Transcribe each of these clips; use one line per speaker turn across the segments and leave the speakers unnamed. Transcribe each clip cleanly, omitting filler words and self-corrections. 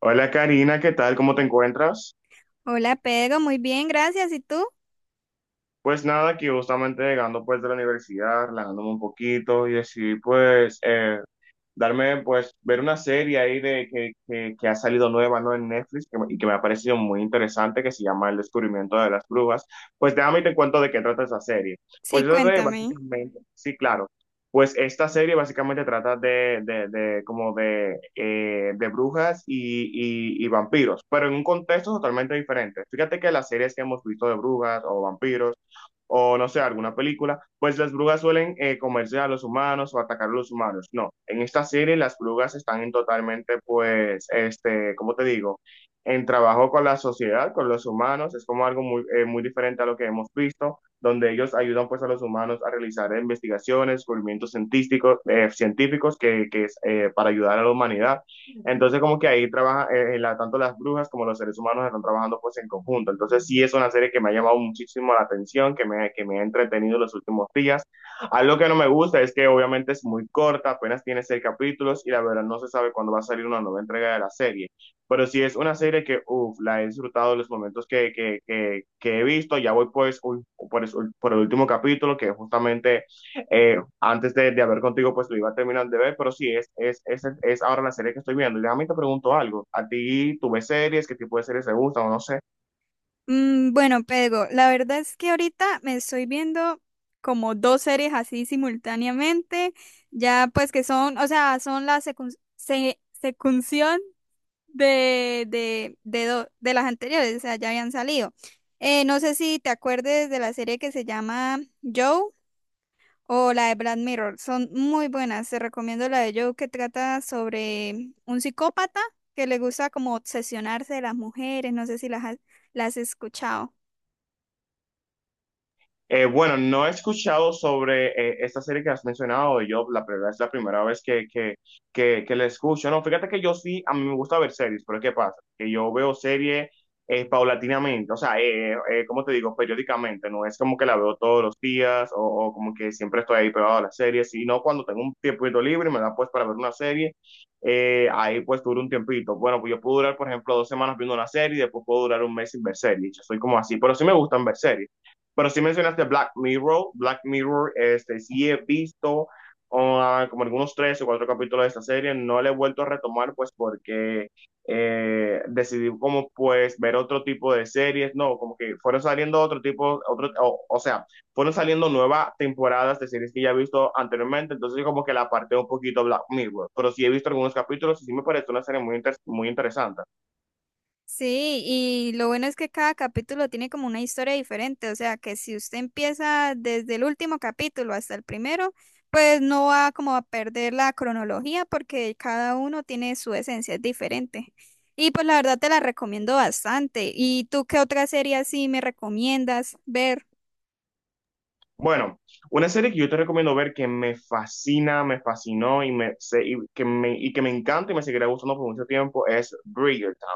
Hola Karina, ¿qué tal? ¿Cómo te encuentras?
Hola Pedro, muy bien, gracias. ¿Y tú?
Pues nada, aquí justamente llegando pues de la universidad, relajándome un poquito y así pues darme, pues, ver una serie ahí de que ha salido nueva, ¿no? En Netflix y que me ha parecido muy interesante, que se llama El descubrimiento de las grúas. Pues déjame y te cuento de qué trata esa serie.
Sí,
Pues
cuéntame.
básicamente, sí, claro. Pues esta serie básicamente trata de como de brujas y vampiros, pero en un contexto totalmente diferente. Fíjate que las series que hemos visto de brujas o vampiros o no sé, alguna película, pues las brujas suelen comerse a los humanos o atacar a los humanos. No, en esta serie las brujas están en totalmente, pues, este, ¿cómo te digo? En trabajo con la sociedad, con los humanos, es como algo muy diferente a lo que hemos visto, donde ellos ayudan pues a los humanos a realizar investigaciones, descubrimientos científicos que es para ayudar a la humanidad. Entonces, como que ahí trabaja, tanto las brujas como los seres humanos están trabajando pues en conjunto. Entonces, sí es una serie que me ha llamado muchísimo la atención, que me ha entretenido los últimos días. Algo que no me gusta es que obviamente es muy corta, apenas tiene seis capítulos y la verdad no se sabe cuándo va a salir una nueva entrega de la serie. Pero sí es una serie que, uff, la he disfrutado los momentos que he visto. Ya voy pues por el último capítulo, que justamente antes de hablar contigo, pues lo iba a terminar de ver, pero sí, es ahora la serie que estoy viendo. Y déjame te pregunto algo, ¿a ti tú ves series? ¿Qué tipo de series te gustan o no sé?
Bueno, Pedro, la verdad es que ahorita me estoy viendo como dos series así simultáneamente, ya pues que son, o sea, son la secunción de las anteriores, o sea, ya habían salido. No sé si te acuerdes de la serie que se llama Joe, o la de Black Mirror. Son muy buenas. Te recomiendo la de Joe, que trata sobre un psicópata que le gusta como obsesionarse de las mujeres. No sé si las has escuchado.
Bueno, no he escuchado sobre esta serie que has mencionado, yo la verdad es la primera vez que la escucho. No, fíjate que yo sí, a mí me gusta ver series, pero ¿qué pasa? Que yo veo series paulatinamente, o sea, ¿cómo te digo? Periódicamente, no es como que la veo todos los días o como que siempre estoy ahí pegado a las series, sino cuando tengo un tiempito libre y me da pues para ver una serie, ahí pues duro un tiempito. Bueno, pues yo puedo durar, por ejemplo, 2 semanas viendo una serie y después puedo durar un mes sin ver series. Yo soy como así, pero sí me gustan ver series. Pero sí mencionaste Black Mirror. Black Mirror, este, sí he visto como algunos tres o cuatro capítulos de esta serie. No la he vuelto a retomar, pues, porque decidí como, pues, ver otro tipo de series. No, como que fueron saliendo otro tipo, otro, o sea, fueron saliendo nuevas temporadas de series que ya he visto anteriormente. Entonces, como que la aparté un poquito Black Mirror. Pero sí he visto algunos capítulos y sí me parece una serie muy interesante.
Sí, y lo bueno es que cada capítulo tiene como una historia diferente. O sea, que si usted empieza desde el último capítulo hasta el primero, pues no va como a perder la cronología porque cada uno tiene su esencia, es diferente. Y pues la verdad te la recomiendo bastante. ¿Y tú qué otra serie así me recomiendas ver?
Bueno, una serie que yo te recomiendo ver que me fascina, me fascinó y que me encanta y me seguirá gustando por mucho tiempo es Bridgerton.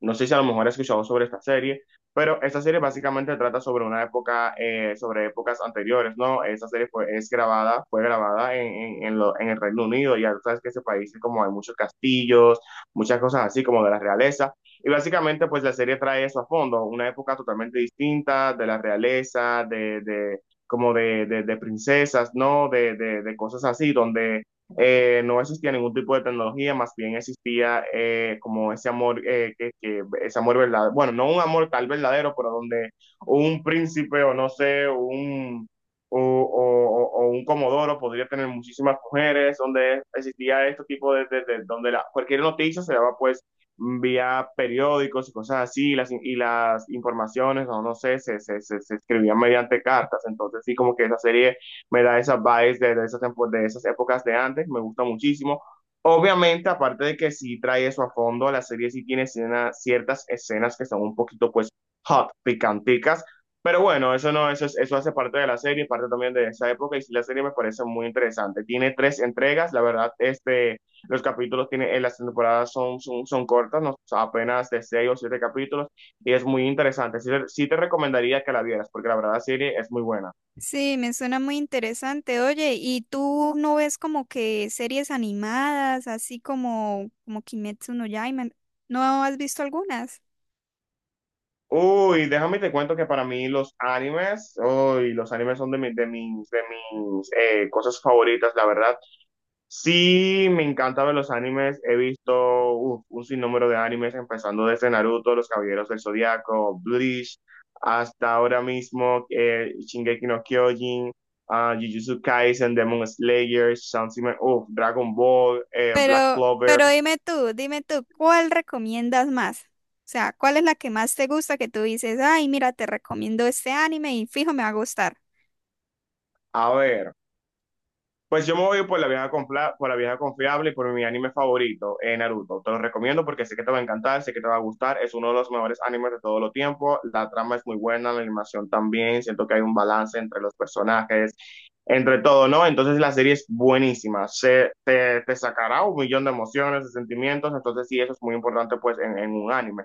No sé si a lo mejor has escuchado sobre esta serie, pero esta serie básicamente trata sobre una época, sobre épocas anteriores, ¿no? Esta serie fue grabada en el Reino Unido, ya tú sabes que ese país como hay muchos castillos, muchas cosas así como de la realeza. Y básicamente, pues la serie trae eso a fondo, una época totalmente distinta de la realeza, como de princesas, ¿no? De cosas así, donde no existía ningún tipo de tecnología, más bien existía como ese amor, ese amor verdadero, bueno, no un amor tal verdadero, pero donde un príncipe o no sé, un... O, o, un comodoro podría tener muchísimas mujeres, donde existía este tipo de donde cualquier noticia se daba pues vía periódicos y cosas así, y las informaciones, o no sé, se escribían mediante cartas. Entonces, sí, como que esa serie me da esas vibes de esas épocas de antes, me gusta muchísimo. Obviamente, aparte de que sí trae eso a fondo, la serie sí tiene ciertas escenas que son un poquito, pues, hot, picanticas. Pero bueno, eso no, eso hace parte de la serie, parte también de esa época, y sí, la serie me parece muy interesante. Tiene tres entregas, la verdad, este. Los capítulos tiene, en las temporadas son cortas, ¿no? Apenas de seis o siete capítulos, y es muy interesante. Sí, te recomendaría que la vieras, porque la verdad la serie es muy buena.
Sí, me suena muy interesante. Oye, ¿y tú no ves como que series animadas, así como, como Kimetsu no Yaiba? ¿No has visto algunas?
Uy, déjame te cuento que para mí los animes, son de mis cosas favoritas, la verdad. Sí, me encanta ver los animes. He visto un sinnúmero de animes, empezando desde Naruto, Los Caballeros del Zodiaco, Bleach, hasta ahora mismo Shingeki no Kyojin, Jujutsu Kaisen, Demon Slayer, Saint Seiya, Dragon Ball, Black
Pero,
Clover.
pero dime tú, ¿cuál recomiendas más? O sea, ¿cuál es la que más te gusta que tú dices, ay, mira, te recomiendo este anime y fijo, me va a gustar?
A ver. Pues yo me voy por la vieja confiable y por mi anime favorito, Naruto. Te lo recomiendo porque sé que te va a encantar, sé que te va a gustar. Es uno de los mejores animes de todo el tiempo. La trama es muy buena, la animación también. Siento que hay un balance entre los personajes, entre todo, ¿no? Entonces la serie es buenísima. Te sacará un millón de emociones, de sentimientos. Entonces sí, eso es muy importante pues en un anime.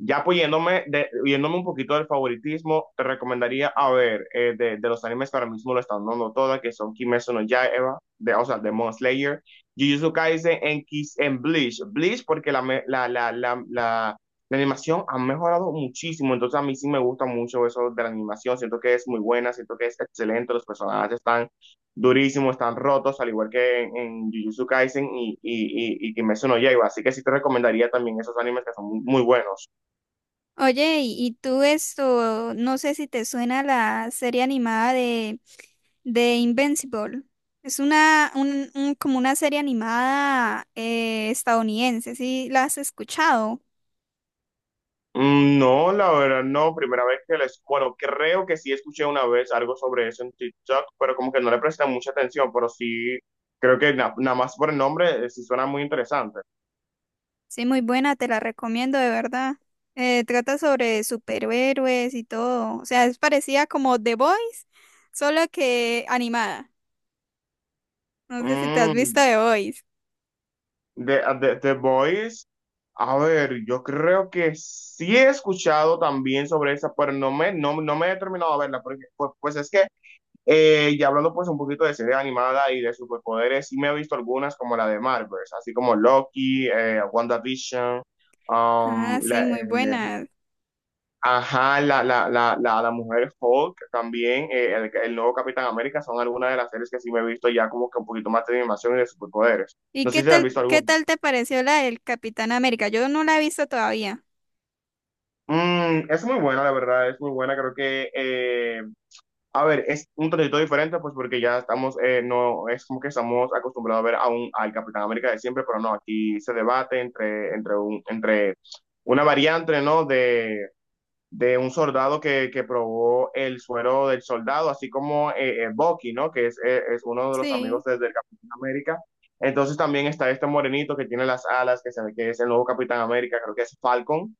Ya apoyándome, yéndome un poquito del favoritismo, te recomendaría a ver de los animes que ahora mismo lo están dando todas, que son Kimetsu no Yaiba, o sea, de Demon Slayer, Jujutsu Kaisen en, Kiss, en Bleach. Bleach porque la, me- la animación ha mejorado muchísimo, entonces a mí sí me gusta mucho eso de la animación, siento que es muy buena, siento que es excelente, los personajes están durísimos, están rotos, al igual que en Jujutsu Kaisen y Kimetsu no Yaiba, así que sí te recomendaría también esos animes que son muy muy buenos.
Oye, y tú esto, no sé si te suena la serie animada de Invincible. Es como una serie animada estadounidense. ¿Sí la has escuchado?
Mm, no, la verdad, no, primera vez que bueno, creo que sí escuché una vez algo sobre eso en TikTok, pero como que no le presté mucha atención, pero sí, creo que nada más por el nombre sí suena muy interesante.
Sí, muy buena, te la recomiendo de verdad. Trata sobre superhéroes y todo. O sea, es parecida como The Boys, solo que animada. No sé si te has visto
Mm,
The Boys.
The Voice, a ver, yo creo que sí he escuchado también sobre esa, pero no me he terminado de verla, porque pues es que. Y hablando pues un poquito de serie animada y de superpoderes, sí me he visto algunas como la de Marvel, así como Loki, WandaVision,
Ah,
um, la,
sí, muy buena.
ajá, la Mujer Hulk también, el nuevo Capitán América, son algunas de las series que sí me he visto ya como que un poquito más de animación y de superpoderes.
¿Y
No sé si te has visto
qué
alguna.
tal te pareció la del Capitán América? Yo no la he visto todavía.
Mm, es muy buena, la verdad, es muy buena. Creo que, a ver, es un tantito diferente, pues porque ya estamos, no es como que estamos acostumbrados a ver al Capitán América de siempre, pero no, aquí se debate entre una variante, ¿no? De un soldado que probó el suero del soldado, así como Bucky, ¿no? Que es uno de los amigos
Sí,
desde el Capitán América. Entonces también está este morenito que tiene las alas, que se ve que es el nuevo Capitán América, creo que es Falcon.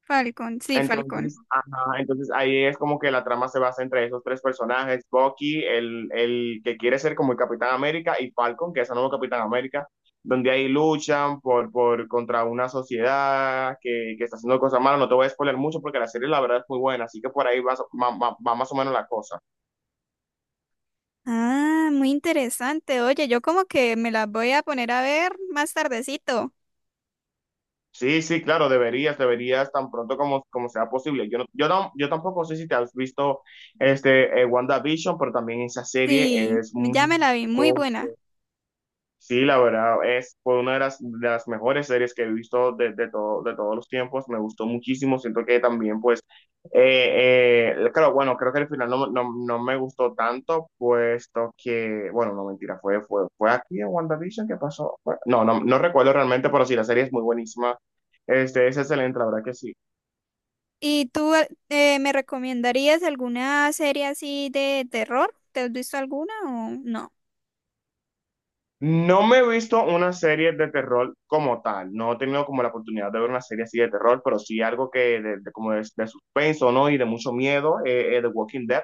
Falcon, sí, Falcon.
Entonces, ajá, entonces ahí es como que la trama se basa entre esos tres personajes, Bucky, el que quiere ser como el Capitán América, y Falcon, que es el nuevo Capitán América, donde ahí luchan por contra una sociedad que está haciendo cosas malas. No te voy a spoiler mucho porque la serie la verdad es muy buena, así que por ahí va, va más o menos la cosa.
Ah, muy interesante. Oye, yo como que me las voy a poner a ver más tardecito.
Sí, sí, claro, deberías, deberías tan pronto como sea posible. Yo no, yo tampoco sé si te has visto este, WandaVision, pero también esa serie
Sí,
es
ya
muy...
me la vi, muy buena.
Sí, la verdad, es fue una de las mejores series que he visto de todos los tiempos. Me gustó muchísimo. Siento que también, pues, claro, bueno, creo que el final no me gustó tanto, puesto que, bueno, no mentira, fue aquí en WandaVision que pasó. No recuerdo realmente, pero sí, la serie es muy buenísima. Este, es excelente, la verdad que sí.
¿Y tú me recomendarías alguna serie así de terror? ¿Te has visto alguna o no?
No me he visto una serie de terror como tal, no he tenido como la oportunidad de ver una serie así de terror, pero sí algo que de suspenso, ¿no? Y de mucho miedo, The Walking Dead,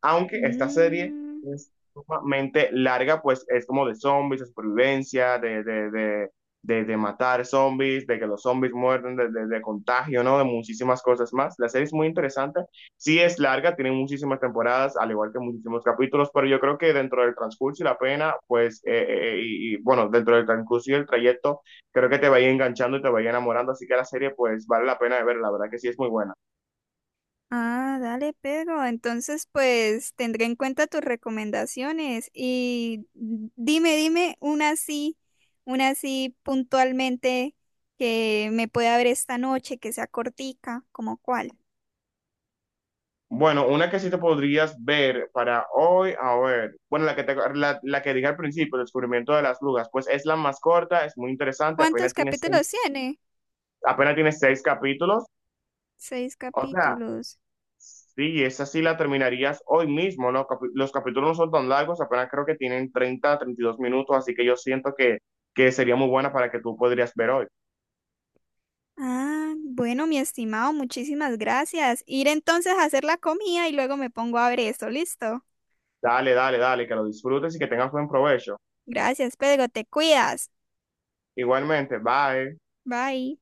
aunque esta serie
Mm.
es sumamente larga, pues es como de zombies, de supervivencia, de matar zombies, de que los zombies muerden, de contagio, ¿no? De muchísimas cosas más. La serie es muy interesante, sí es larga, tiene muchísimas temporadas, al igual que muchísimos capítulos, pero yo creo que dentro del transcurso y la pena, pues, bueno, dentro del transcurso y el trayecto, creo que te va a ir enganchando y te va a ir enamorando, así que la serie, pues, vale la pena de ver, la verdad que sí es muy buena.
Ah, dale, Pedro. Entonces, pues tendré en cuenta tus recomendaciones y dime una así puntualmente que me pueda ver esta noche, que sea cortica, como cuál.
Bueno, una que sí te podrías ver para hoy, a ver, bueno, la que dije al principio, El descubrimiento de las lugas, pues es la más corta, es muy interesante,
¿Cuántos capítulos tiene?
apenas tiene seis capítulos,
Seis
o sea,
capítulos.
sí, esa sí la terminarías hoy mismo, ¿no? Los capítulos no son tan largos, apenas creo que tienen 30, 32 minutos, así que yo siento que sería muy buena para que tú podrías ver hoy.
Ah, bueno, mi estimado, muchísimas gracias. Ir entonces a hacer la comida y luego me pongo a ver esto. Listo.
Dale, dale, dale, que lo disfrutes y que tengas buen provecho.
Gracias, Pedro. Te cuidas.
Igualmente, bye.
Bye.